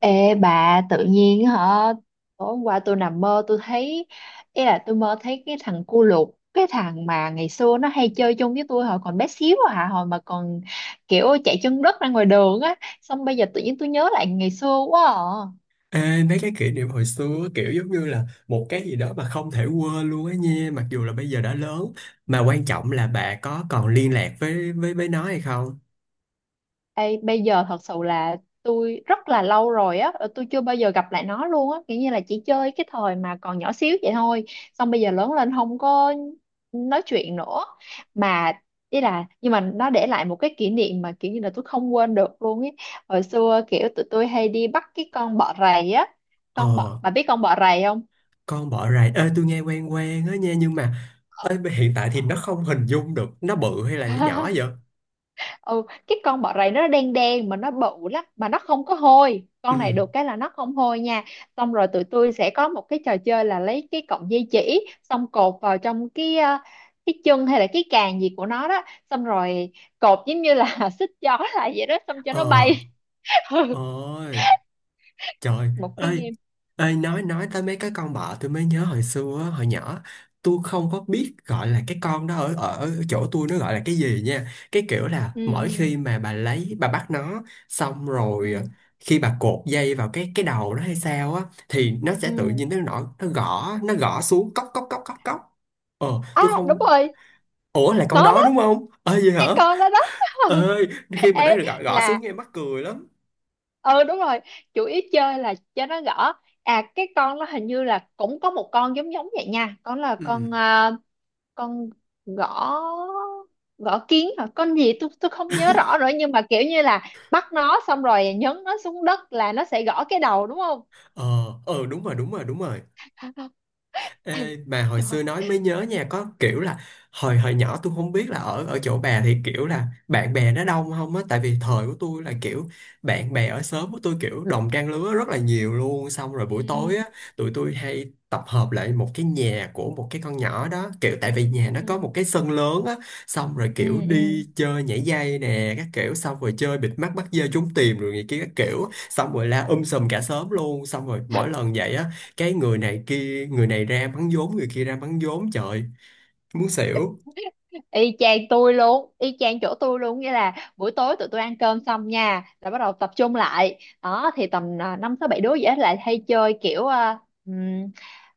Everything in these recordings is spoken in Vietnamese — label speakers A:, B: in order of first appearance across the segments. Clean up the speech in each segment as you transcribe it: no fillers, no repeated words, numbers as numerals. A: Ê bà, tự nhiên hả, tối hôm qua tôi nằm mơ tôi thấy, ý là tôi mơ thấy cái thằng cu lục, cái thằng mà ngày xưa nó hay chơi chung với tôi hồi còn bé xíu à, hồi mà còn kiểu chạy chân đất ra ngoài đường á. Xong bây giờ tự nhiên tôi nhớ lại ngày xưa quá à.
B: Ê, mấy cái kỷ niệm hồi xưa kiểu giống như là một cái gì đó mà không thể quên luôn á nha, mặc dù là bây giờ đã lớn. Mà quan trọng là bà có còn liên lạc với nó hay không?
A: Ê, bây giờ thật sự là tôi rất là lâu rồi á, tôi chưa bao giờ gặp lại nó luôn á, kiểu như là chỉ chơi cái thời mà còn nhỏ xíu vậy thôi, xong bây giờ lớn lên không có nói chuyện nữa, mà ý là nhưng mà nó để lại một cái kỷ niệm mà kiểu như là tôi không quên được luôn ấy. Hồi xưa kiểu tụi tôi hay đi bắt cái con bọ rầy á,
B: Ờ,
A: con bọ, bà biết con bọ rầy không?
B: con bỏ rày ê tôi nghe quen quen á nha, nhưng mà ê, hiện tại thì nó không hình dung được nó bự hay là nó nhỏ vậy.
A: Ừ, cái con bọ rày nó đen đen mà nó bự lắm, mà nó không có hôi,
B: Ừ.
A: con này được cái là nó không hôi nha. Xong rồi tụi tôi sẽ có một cái trò chơi là lấy cái cọng dây chỉ xong cột vào trong cái chân hay là cái càng gì của nó đó, xong rồi cột giống như là xích gió lại vậy đó, xong cho
B: Ờ.
A: nó bay. Ừ,
B: Ờ. Trời
A: một cái
B: ơi,
A: game.
B: ơi nói tới mấy cái con bọ tôi mới nhớ hồi xưa á, hồi nhỏ tôi không có biết gọi là cái con đó, ở ở chỗ tôi nó gọi là cái gì nha. Cái kiểu là
A: Ừ
B: mỗi
A: ừ
B: khi mà bà lấy bà bắt nó, xong rồi
A: ừ
B: khi bà cột dây vào cái đầu nó hay sao á, thì nó sẽ tự
A: ừ,
B: nhiên nó nổi, nó gõ, nó gõ xuống cốc cốc cốc cốc cốc. Ờ,
A: à
B: tôi
A: đúng
B: không.
A: rồi.
B: Ủa, là
A: Nó
B: con
A: đó,
B: đó đúng không? Ơi vậy hả?
A: cái con đó đó.
B: Ơi, khi mà nó
A: Ê
B: gõ, gõ xuống
A: là,
B: nghe mắc cười lắm.
A: ừ đúng rồi, chủ yếu chơi là cho nó gõ. À cái con nó hình như là cũng có một con giống giống vậy nha, con là
B: Ừ.
A: con gõ, gõ kiến hả, con gì tôi không nhớ rõ nữa, nhưng mà kiểu như là bắt nó xong rồi nhấn nó xuống đất là nó sẽ gõ cái đầu đúng không.
B: Ờ, ờ đúng rồi, đúng rồi, đúng rồi. Ê, bà hồi
A: Trời ơi.
B: xưa nói mới nhớ nha, có kiểu là hồi hồi nhỏ tôi không biết là ở ở chỗ bà thì kiểu là bạn bè nó đông không á, tại vì thời của tôi là kiểu bạn bè ở xóm của tôi kiểu đồng trang lứa rất là nhiều luôn, xong rồi
A: Ừ
B: buổi tối á, tụi tôi hay tập hợp lại một cái nhà của một cái con nhỏ đó, kiểu tại vì nhà nó có một
A: ừ
B: cái sân lớn á, xong rồi
A: ừ
B: kiểu
A: ừ.
B: đi chơi nhảy dây nè các kiểu, xong rồi chơi bịt mắt bắt dê, trốn tìm rồi này kia các kiểu, xong rồi la sùm cả xóm luôn, xong rồi mỗi lần vậy á, cái người này kia, người này ra bắn vốn, người kia ra bắn vốn, trời muốn xỉu.
A: Y chang tôi luôn, y chang chỗ tôi luôn, nghĩa là buổi tối tụi tôi ăn cơm xong nha là bắt đầu tập trung lại đó, thì tầm năm tới bảy đứa dễ lại, hay chơi kiểu ừm,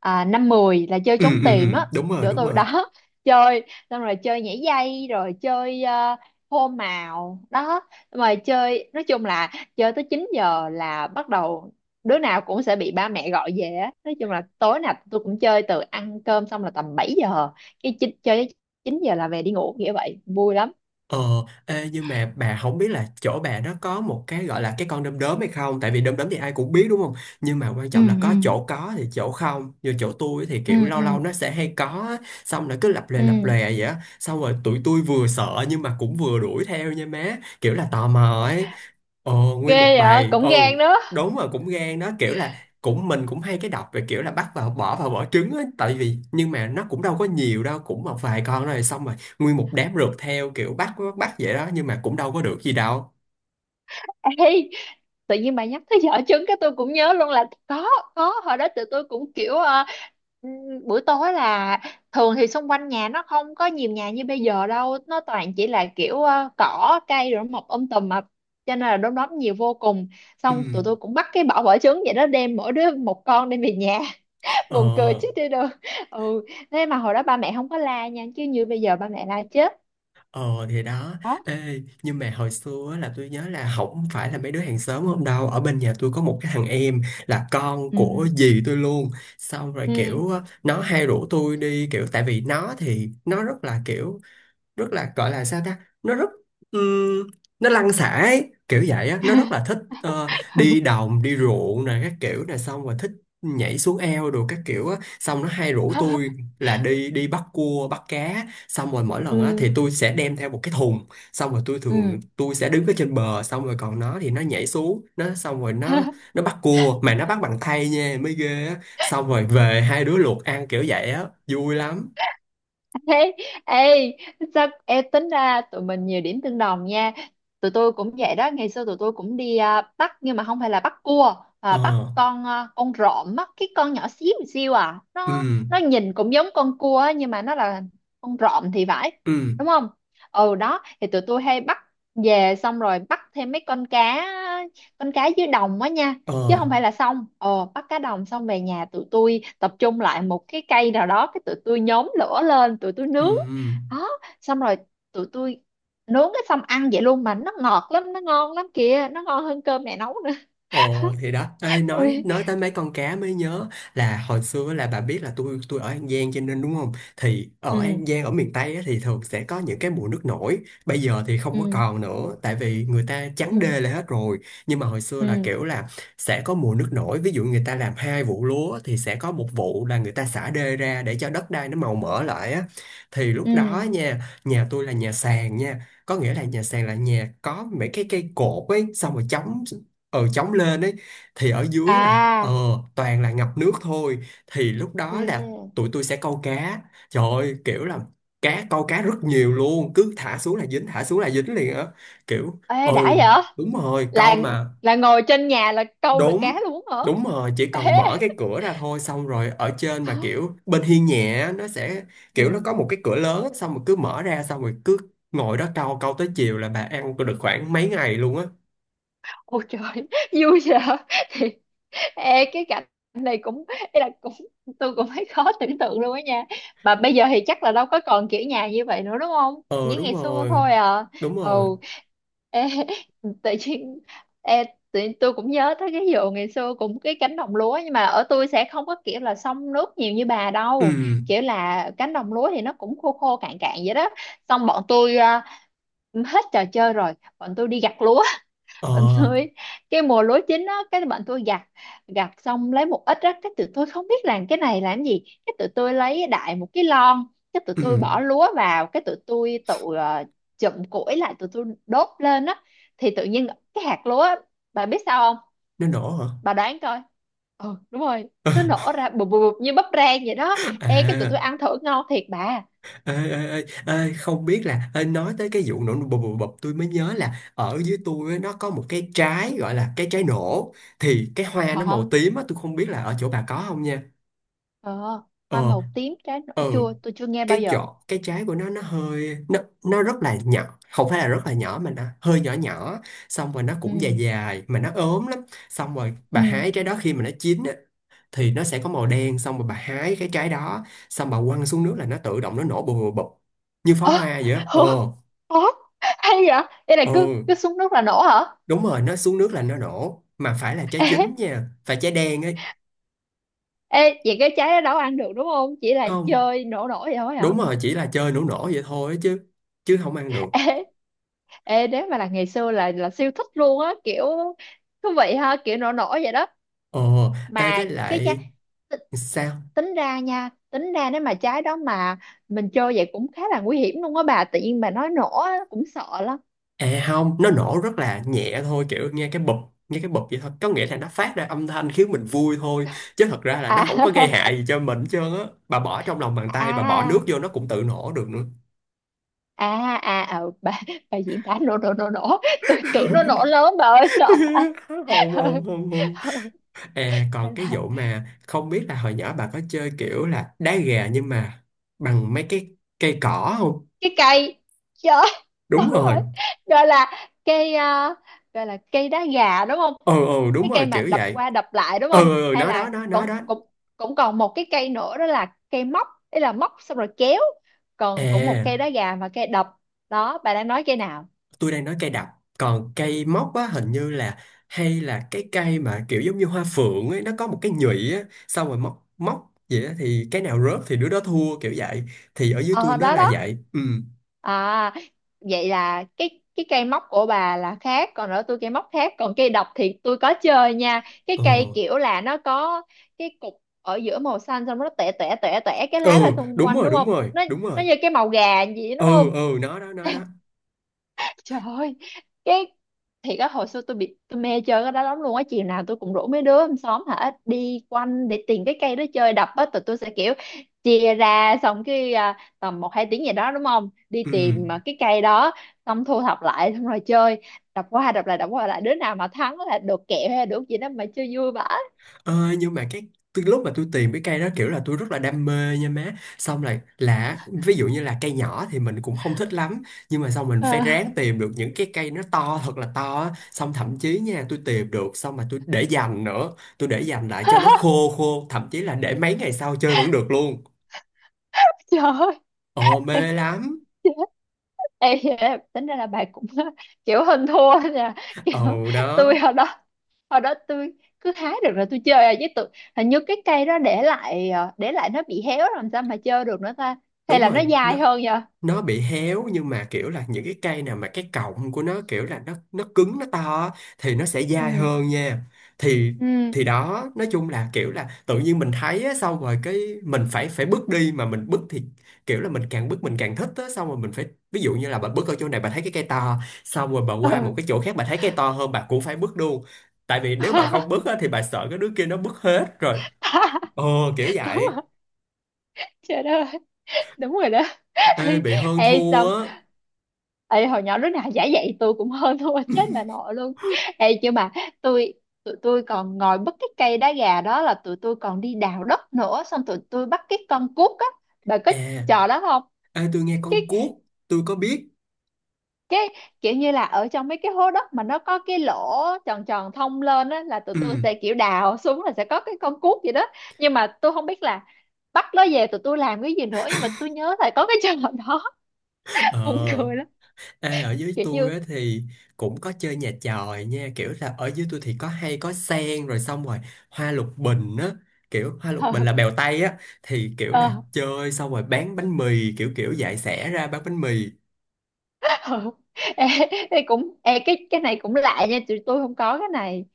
A: năm mười là chơi
B: Ừ
A: trốn
B: ừ
A: tìm
B: ừ,
A: á,
B: đúng rồi,
A: chỗ
B: đúng
A: tôi
B: rồi.
A: đó. Chơi xong rồi chơi nhảy dây, rồi chơi hô màu đó, mà chơi nói chung là chơi tới 9 giờ là bắt đầu đứa nào cũng sẽ bị ba mẹ gọi về á. Nói chung là tối nào tôi cũng chơi, từ ăn cơm xong là tầm 7 giờ, cái chín chơi tới 9 giờ là về đi ngủ, nghĩa vậy vui lắm.
B: Ờ. Ê, nhưng mà bà không biết là chỗ bà nó có một cái gọi là cái con đom đóm hay không, tại vì đom đóm thì ai cũng biết đúng không, nhưng mà quan
A: Ừ
B: trọng là
A: ừ
B: có chỗ có thì chỗ không, như chỗ tôi thì
A: ừ
B: kiểu lâu
A: ừ
B: lâu nó sẽ hay có á. Xong nó cứ lập
A: ừ.
B: lè vậy á, xong rồi tụi tôi vừa sợ nhưng mà cũng vừa đuổi theo nha má, kiểu là tò mò ấy. Ờ, nguyên một
A: Ghê vậy
B: bài.
A: cũng
B: Ừ,
A: gan đó.
B: đúng rồi, cũng gan đó, kiểu là cũng mình cũng hay cái đọc về kiểu là bắt vào, bỏ vào vỏ trứng á, tại vì nhưng mà nó cũng đâu có nhiều đâu, cũng một vài con, rồi xong rồi nguyên một đám rượt theo kiểu bắt bắt, bắt vậy đó, nhưng mà cũng đâu có được gì đâu.
A: Ê, tự nhiên bà nhắc tới giỏ trứng cái tôi cũng nhớ luôn là có hồi đó tụi tôi cũng kiểu ừm, buổi tối là thường thì xung quanh nhà nó không có nhiều nhà như bây giờ đâu, nó toàn chỉ là kiểu cỏ cây rồi mọc tùm mà, cho nên là đom đóm nhiều vô cùng.
B: Ừ.
A: Xong tụi tôi cũng bắt cái bỏ vỏ trứng vậy đó, đem mỗi đứa một con đem về nhà, buồn cười
B: Ờ.
A: chết đi được. Ừ, thế mà hồi đó ba mẹ không có la nha, chứ như bây giờ ba mẹ la chết.
B: Ờ thì đó.
A: Đó.
B: Ê nhưng mà hồi xưa á là tôi nhớ là không phải là mấy đứa hàng xóm không đâu, ở bên nhà tôi có một cái thằng em là con
A: Ừ
B: của dì tôi luôn, xong rồi
A: ừ.
B: kiểu á, nó hay rủ tôi đi, kiểu tại vì nó thì nó rất là kiểu rất là gọi là sao ta, nó rất ừm, nó lăn xả ấy, kiểu vậy á, nó rất là thích đi đồng đi ruộng nè các kiểu nè, xong rồi thích nhảy xuống eo đồ các kiểu á, xong nó hay rủ tôi là đi đi bắt cua bắt cá, xong rồi mỗi lần á
A: Ừ
B: thì tôi sẽ đem theo một cái thùng, xong rồi tôi
A: ừ.
B: thường tôi sẽ đứng ở trên bờ, xong rồi còn nó thì nó nhảy xuống nó, xong rồi nó bắt cua mà nó bắt bằng tay nha mới ghê á, xong rồi về hai đứa luộc ăn kiểu vậy á, vui lắm.
A: Thế, ê, sao ê, tính ra tụi mình nhiều điểm tương đồng nha. Tụi tôi cũng vậy đó, ngày xưa tụi tôi cũng đi bắt, nhưng mà không phải là bắt cua,
B: Ờ.
A: mà bắt con rộm á, cái con nhỏ xíu xíu à.
B: Ừ
A: Nó nhìn cũng giống con cua á, nhưng mà nó là con rộm thì phải,
B: ừ.
A: đúng không? Ừ đó, thì tụi tôi hay bắt về, xong rồi bắt thêm mấy con cá, con cá dưới đồng á nha,
B: Ờ.
A: chứ không phải là xong ờ bắt cá đồng, xong về nhà tụi tôi tập trung lại một cái cây nào đó, cái tụi tôi nhóm lửa lên tụi tôi
B: Ừ,
A: nướng.
B: ừ.
A: Đó, xong rồi tụi tôi nướng cái xong ăn vậy luôn, mà nó ngọt lắm, nó ngon lắm kìa, nó ngon hơn cơm mẹ nấu nữa.
B: Ồ thì đó. Ê, nói
A: Ôi.
B: nói tới mấy con cá mới nhớ là hồi xưa là bà biết là tôi ở An Giang cho nên đúng không, thì ở
A: Ừ
B: An Giang ở miền Tây á, thì thường sẽ có những cái mùa nước nổi. Bây giờ thì không có
A: ừ
B: còn nữa tại vì người ta trắng đê
A: ừ
B: lại hết rồi, nhưng mà hồi xưa là
A: ừ
B: kiểu là sẽ có mùa nước nổi, ví dụ người ta làm hai vụ lúa thì sẽ có một vụ là người ta xả đê ra để cho đất đai nó màu mỡ lại á, thì lúc đó
A: ừ
B: nha, nhà tôi là nhà sàn nha, có nghĩa là nhà sàn là nhà có mấy cái cây cột ấy, xong rồi chống, ờ, chống lên ấy, thì ở dưới là
A: à
B: toàn là ngập nước thôi, thì lúc đó là
A: ừ.
B: tụi tôi sẽ câu cá, trời ơi kiểu là cá, câu cá rất nhiều luôn, cứ thả xuống là dính, thả xuống là dính liền á, kiểu ừ
A: Ê đã vậy
B: đúng rồi, câu
A: là
B: mà.
A: là ngồi trên nhà là câu được
B: Đúng,
A: cá luôn hả?
B: đúng rồi, chỉ cần
A: Ê.
B: mở cái cửa ra thôi, xong rồi ở trên mà kiểu bên hiên nhẹ á, nó sẽ kiểu nó
A: Ừ.
B: có một cái cửa lớn á, xong rồi cứ mở ra, xong rồi cứ ngồi đó câu, câu tới chiều là bà ăn được khoảng mấy ngày luôn á.
A: Ôi trời. Vui vậy. Ê, cái cảnh này cũng, ý là cũng, tôi cũng thấy khó tưởng tượng luôn á nha, mà bây giờ thì chắc là đâu có còn kiểu nhà như vậy nữa đúng không,
B: Ờ
A: như
B: đúng
A: ngày xưa
B: rồi,
A: thôi à.
B: đúng
A: Ừ,
B: rồi.
A: ê, tự nhiên, ê, tự nhiên tôi cũng nhớ tới cái vụ ngày xưa cũng cái cánh đồng lúa, nhưng mà ở tôi sẽ không có kiểu là xông nước nhiều như bà
B: Ừ,
A: đâu, kiểu là cánh đồng lúa thì nó cũng khô khô cạn cạn vậy đó. Xong bọn tôi hết trò chơi rồi, bọn tôi đi gặt lúa,
B: ờ,
A: bạn tôi cái mùa lúa chín á, cái bạn tôi gặt, gặt xong lấy một ít á, cái tụi tôi không biết làm cái này làm gì, cái tụi tôi lấy đại một cái lon, cái tụi
B: ừ,
A: tôi bỏ lúa vào, cái tụi tôi tự chụm củi lại tụi tôi đốt lên á, thì tự nhiên cái hạt lúa á, bà biết sao không,
B: nó nổ hả?
A: bà đoán coi. Ừ đúng rồi, nó nổ ra bụp bụp bụp như bắp rang vậy đó. Ê cái tụi tôi
B: À,
A: ăn thử ngon thiệt bà.
B: ê, ê, ê, ê, không biết là ê, nói tới cái vụ nổ bập bập bập tôi mới nhớ là ở dưới tôi á, nó có một cái trái gọi là cái trái nổ, thì cái hoa nó
A: Ờ
B: màu tím á, tôi không biết là ở chỗ bà có không nha.
A: ờ. Hoa
B: Ờ,
A: màu tím trái nổi
B: ừ,
A: chua tôi chưa nghe bao
B: cái
A: giờ.
B: chỗ cái trái của nó hơi nó rất là nhỏ, không phải là rất là nhỏ mà nó hơi nhỏ nhỏ, xong rồi nó
A: Ừ
B: cũng dài dài mà nó ốm lắm, xong rồi
A: ừ.
B: bà hái trái đó khi mà nó chín á, thì nó sẽ có màu đen, xong rồi bà hái cái trái đó, xong bà quăng xuống nước là nó tự động nó nổ bụp bụp bụp, như pháo
A: Ơ,
B: hoa vậy á. Ờ.
A: ủa? Ủa? Hay vậy, đây là
B: Ờ
A: cứ cứ xuống nước là nổ hả?
B: đúng rồi, nó xuống nước là nó nổ, mà phải là trái
A: Ê,
B: chín nha, phải trái đen ấy.
A: ê vậy cái trái đó đâu ăn được đúng không, chỉ là
B: Không,
A: chơi nổ nổ vậy thôi hả?
B: đúng rồi, chỉ là chơi nổ nổ vậy thôi chứ, chứ không ăn được.
A: Ê, ê nếu mà là ngày xưa là siêu thích luôn á, kiểu thú vị ha, kiểu nổ nổ vậy đó.
B: Ờ. Ê
A: Mà
B: với
A: cái trái
B: lại,
A: t-
B: sao?
A: tính ra nha, tính ra nếu mà trái đó mà mình chơi vậy cũng khá là nguy hiểm luôn á bà, tự nhiên bà nói nổ á, cũng sợ lắm.
B: À không, nó nổ rất là nhẹ thôi, kiểu nghe cái bụp vậy thôi. Có nghĩa là nó phát ra âm thanh khiến mình vui thôi. Chứ thật ra là nó
A: À.
B: không có gây hại gì cho mình hết trơn á. Bà bỏ trong lòng bàn tay, bà bỏ nước
A: À
B: vô nó cũng tự nổ được nữa.
A: à à ờ, bà diễn tả nổ nổ nổ nổ, tôi tưởng nó nổ lớn bà ơi sợ.
B: Không,
A: Ừ,
B: không, không, không.
A: ừ.
B: À,
A: Gọi
B: còn cái
A: là
B: vụ mà không biết là hồi nhỏ bà có chơi kiểu là đá gà nhưng mà bằng mấy cái cây cỏ không?
A: cái cây, trời
B: Đúng
A: đúng
B: rồi.
A: rồi, gọi là cây à, gọi là cây đá gà đúng không,
B: Ừ, ừ, đúng
A: cái
B: rồi,
A: cây mà
B: kiểu
A: đập
B: vậy.
A: qua đập lại đúng
B: Ừ,
A: không,
B: ừ, ừ,
A: hay
B: nó
A: là
B: đó, nó
A: cũng,
B: đó.
A: cũng cũng còn một cái cây nữa đó là cây móc, ý là móc xong rồi kéo, còn cũng một
B: À,
A: cây đá gà và cây đập, đó bà đang nói cây nào?
B: tôi đang nói cây đập, còn cây móc á hình như là, hay là cái cây mà kiểu giống như hoa phượng ấy, nó có một cái nhụy á, xong rồi móc móc vậy á, thì cái nào rớt thì đứa đó thua kiểu vậy, thì ở dưới tôi
A: Ờ
B: nó
A: đó
B: là
A: đó.
B: vậy. Ừ.
A: À vậy là cái cây móc của bà là khác, còn ở tôi cây móc khác, còn cây độc thì tôi có chơi nha, cái
B: Ồ.
A: cây kiểu là nó có cái cục ở giữa màu xanh, xong nó tẻ tẻ tẻ tẻ cái lá ra
B: Ừ
A: xung
B: đúng
A: quanh
B: rồi,
A: đúng
B: đúng
A: không,
B: rồi,
A: nó
B: đúng
A: nó
B: rồi.
A: như cái màu gà gì đúng không?
B: Ừ. Ừ, nó đó, nó đó.
A: Trời ơi, cái, thiệt á hồi xưa tôi bị tôi mê chơi cái đó lắm luôn á, chiều nào tôi cũng rủ mấy đứa trong xóm hả đi quanh để tìm cái cây đó chơi đập á, tụi tôi sẽ kiểu chia ra xong cái tầm một hai tiếng gì đó đúng không? Đi
B: Ừ.
A: tìm cái cây đó, xong thu thập lại xong rồi chơi, đập qua đập lại đập qua lại, đứa nào mà thắng là được kẹo hay là được gì đó, mà chơi vui vãi.
B: Ờ, nhưng mà cái từ lúc mà tôi tìm cái cây đó kiểu là tôi rất là đam mê nha má, xong là ví dụ như là cây nhỏ thì mình cũng không thích lắm, nhưng mà xong mình phải
A: À,
B: ráng tìm được những cái cây nó to thật là to á. Xong thậm chí nha, tôi tìm được xong mà tôi để dành nữa, tôi để dành lại cho nó khô khô, thậm chí là để mấy ngày sau chơi vẫn được luôn.
A: trời ơi.
B: Ồ mê lắm.
A: Ê, tính ra là bà cũng kiểu hơn thua nha, kiểu
B: Ồ đó.
A: tôi hồi đó, hồi đó tôi cứ hái được rồi tôi chơi à, chứ tôi hình như cái cây đó để lại để lại nó bị héo rồi làm sao mà chơi được nữa ta, hay
B: Đúng
A: là
B: rồi,
A: nó
B: nó
A: dai hơn nhờ.
B: nó bị héo, nhưng mà kiểu là những cái cây nào mà cái cọng của nó kiểu là nó cứng nó to á, thì nó sẽ dai
A: Ừ
B: hơn nha. thì
A: ừ
B: thì đó, nói chung là kiểu là tự nhiên mình thấy á, xong rồi cái mình phải phải bước đi, mà mình bước thì kiểu là mình càng bước mình càng thích á, xong rồi mình phải, ví dụ như là bà bước ở chỗ này bà thấy cái cây to, xong rồi bà qua một
A: ừ.
B: cái chỗ khác bà thấy cây to hơn bà cũng phải bước luôn, tại vì nếu bà không bước á, thì bà sợ cái đứa kia nó bước hết rồi. Ờ kiểu
A: Đúng
B: vậy.
A: rồi, trời đất ơi, đúng rồi đó.
B: Ê, bị hơn
A: Ê,
B: thua
A: xong
B: á.
A: ê hồi nhỏ lúc nào giả dạy tôi cũng hơn thua, chết bà nội luôn. Ê chứ mà tôi, tụi tôi còn ngồi bắt cái cây đá gà đó là tụi tôi còn đi đào đất nữa, xong tụi tôi bắt cái con cuốc á, bà có trò đó không?
B: À. Ê, tôi nghe
A: cái
B: con cuốc, tôi có biết.
A: cái kiểu như là ở trong mấy cái hố đất mà nó có cái lỗ tròn tròn thông lên á, là tụi
B: Ừ.
A: tôi sẽ kiểu đào xuống là sẽ có cái con cuốc gì đó, nhưng mà tôi không biết là bắt nó về tụi tôi làm cái gì nữa, nhưng mà tôi nhớ là có cái trò đó. Buồn
B: Ờ,
A: cười lắm.
B: ê, ở dưới
A: Kiểu
B: tôi
A: như,
B: á, thì cũng có chơi nhà chòi nha. Kiểu là ở dưới tôi thì có hay có sen rồi xong rồi hoa lục bình á. Kiểu hoa lục bình là bèo tay á. Thì kiểu
A: ờ,
B: là chơi xong rồi bán bánh mì kiểu kiểu dạy xẻ ra bán bánh mì.
A: ừ. Ê, ê, cũng ê, cái này cũng lạ nha, tụi tôi không có cái này,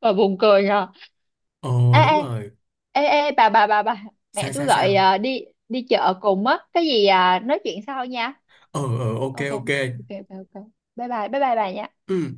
A: và buồn cười nhờ.
B: Ờ
A: Ê
B: đúng
A: ê,
B: rồi.
A: ê bà, mẹ
B: Sao
A: tôi
B: sao
A: gọi
B: sao?
A: đi đi chợ cùng á cái gì à, nói chuyện sau nha.
B: Ờ ờ, ok
A: Ok
B: ok.
A: ok ok ok, bye bye bà nha.
B: Ừ.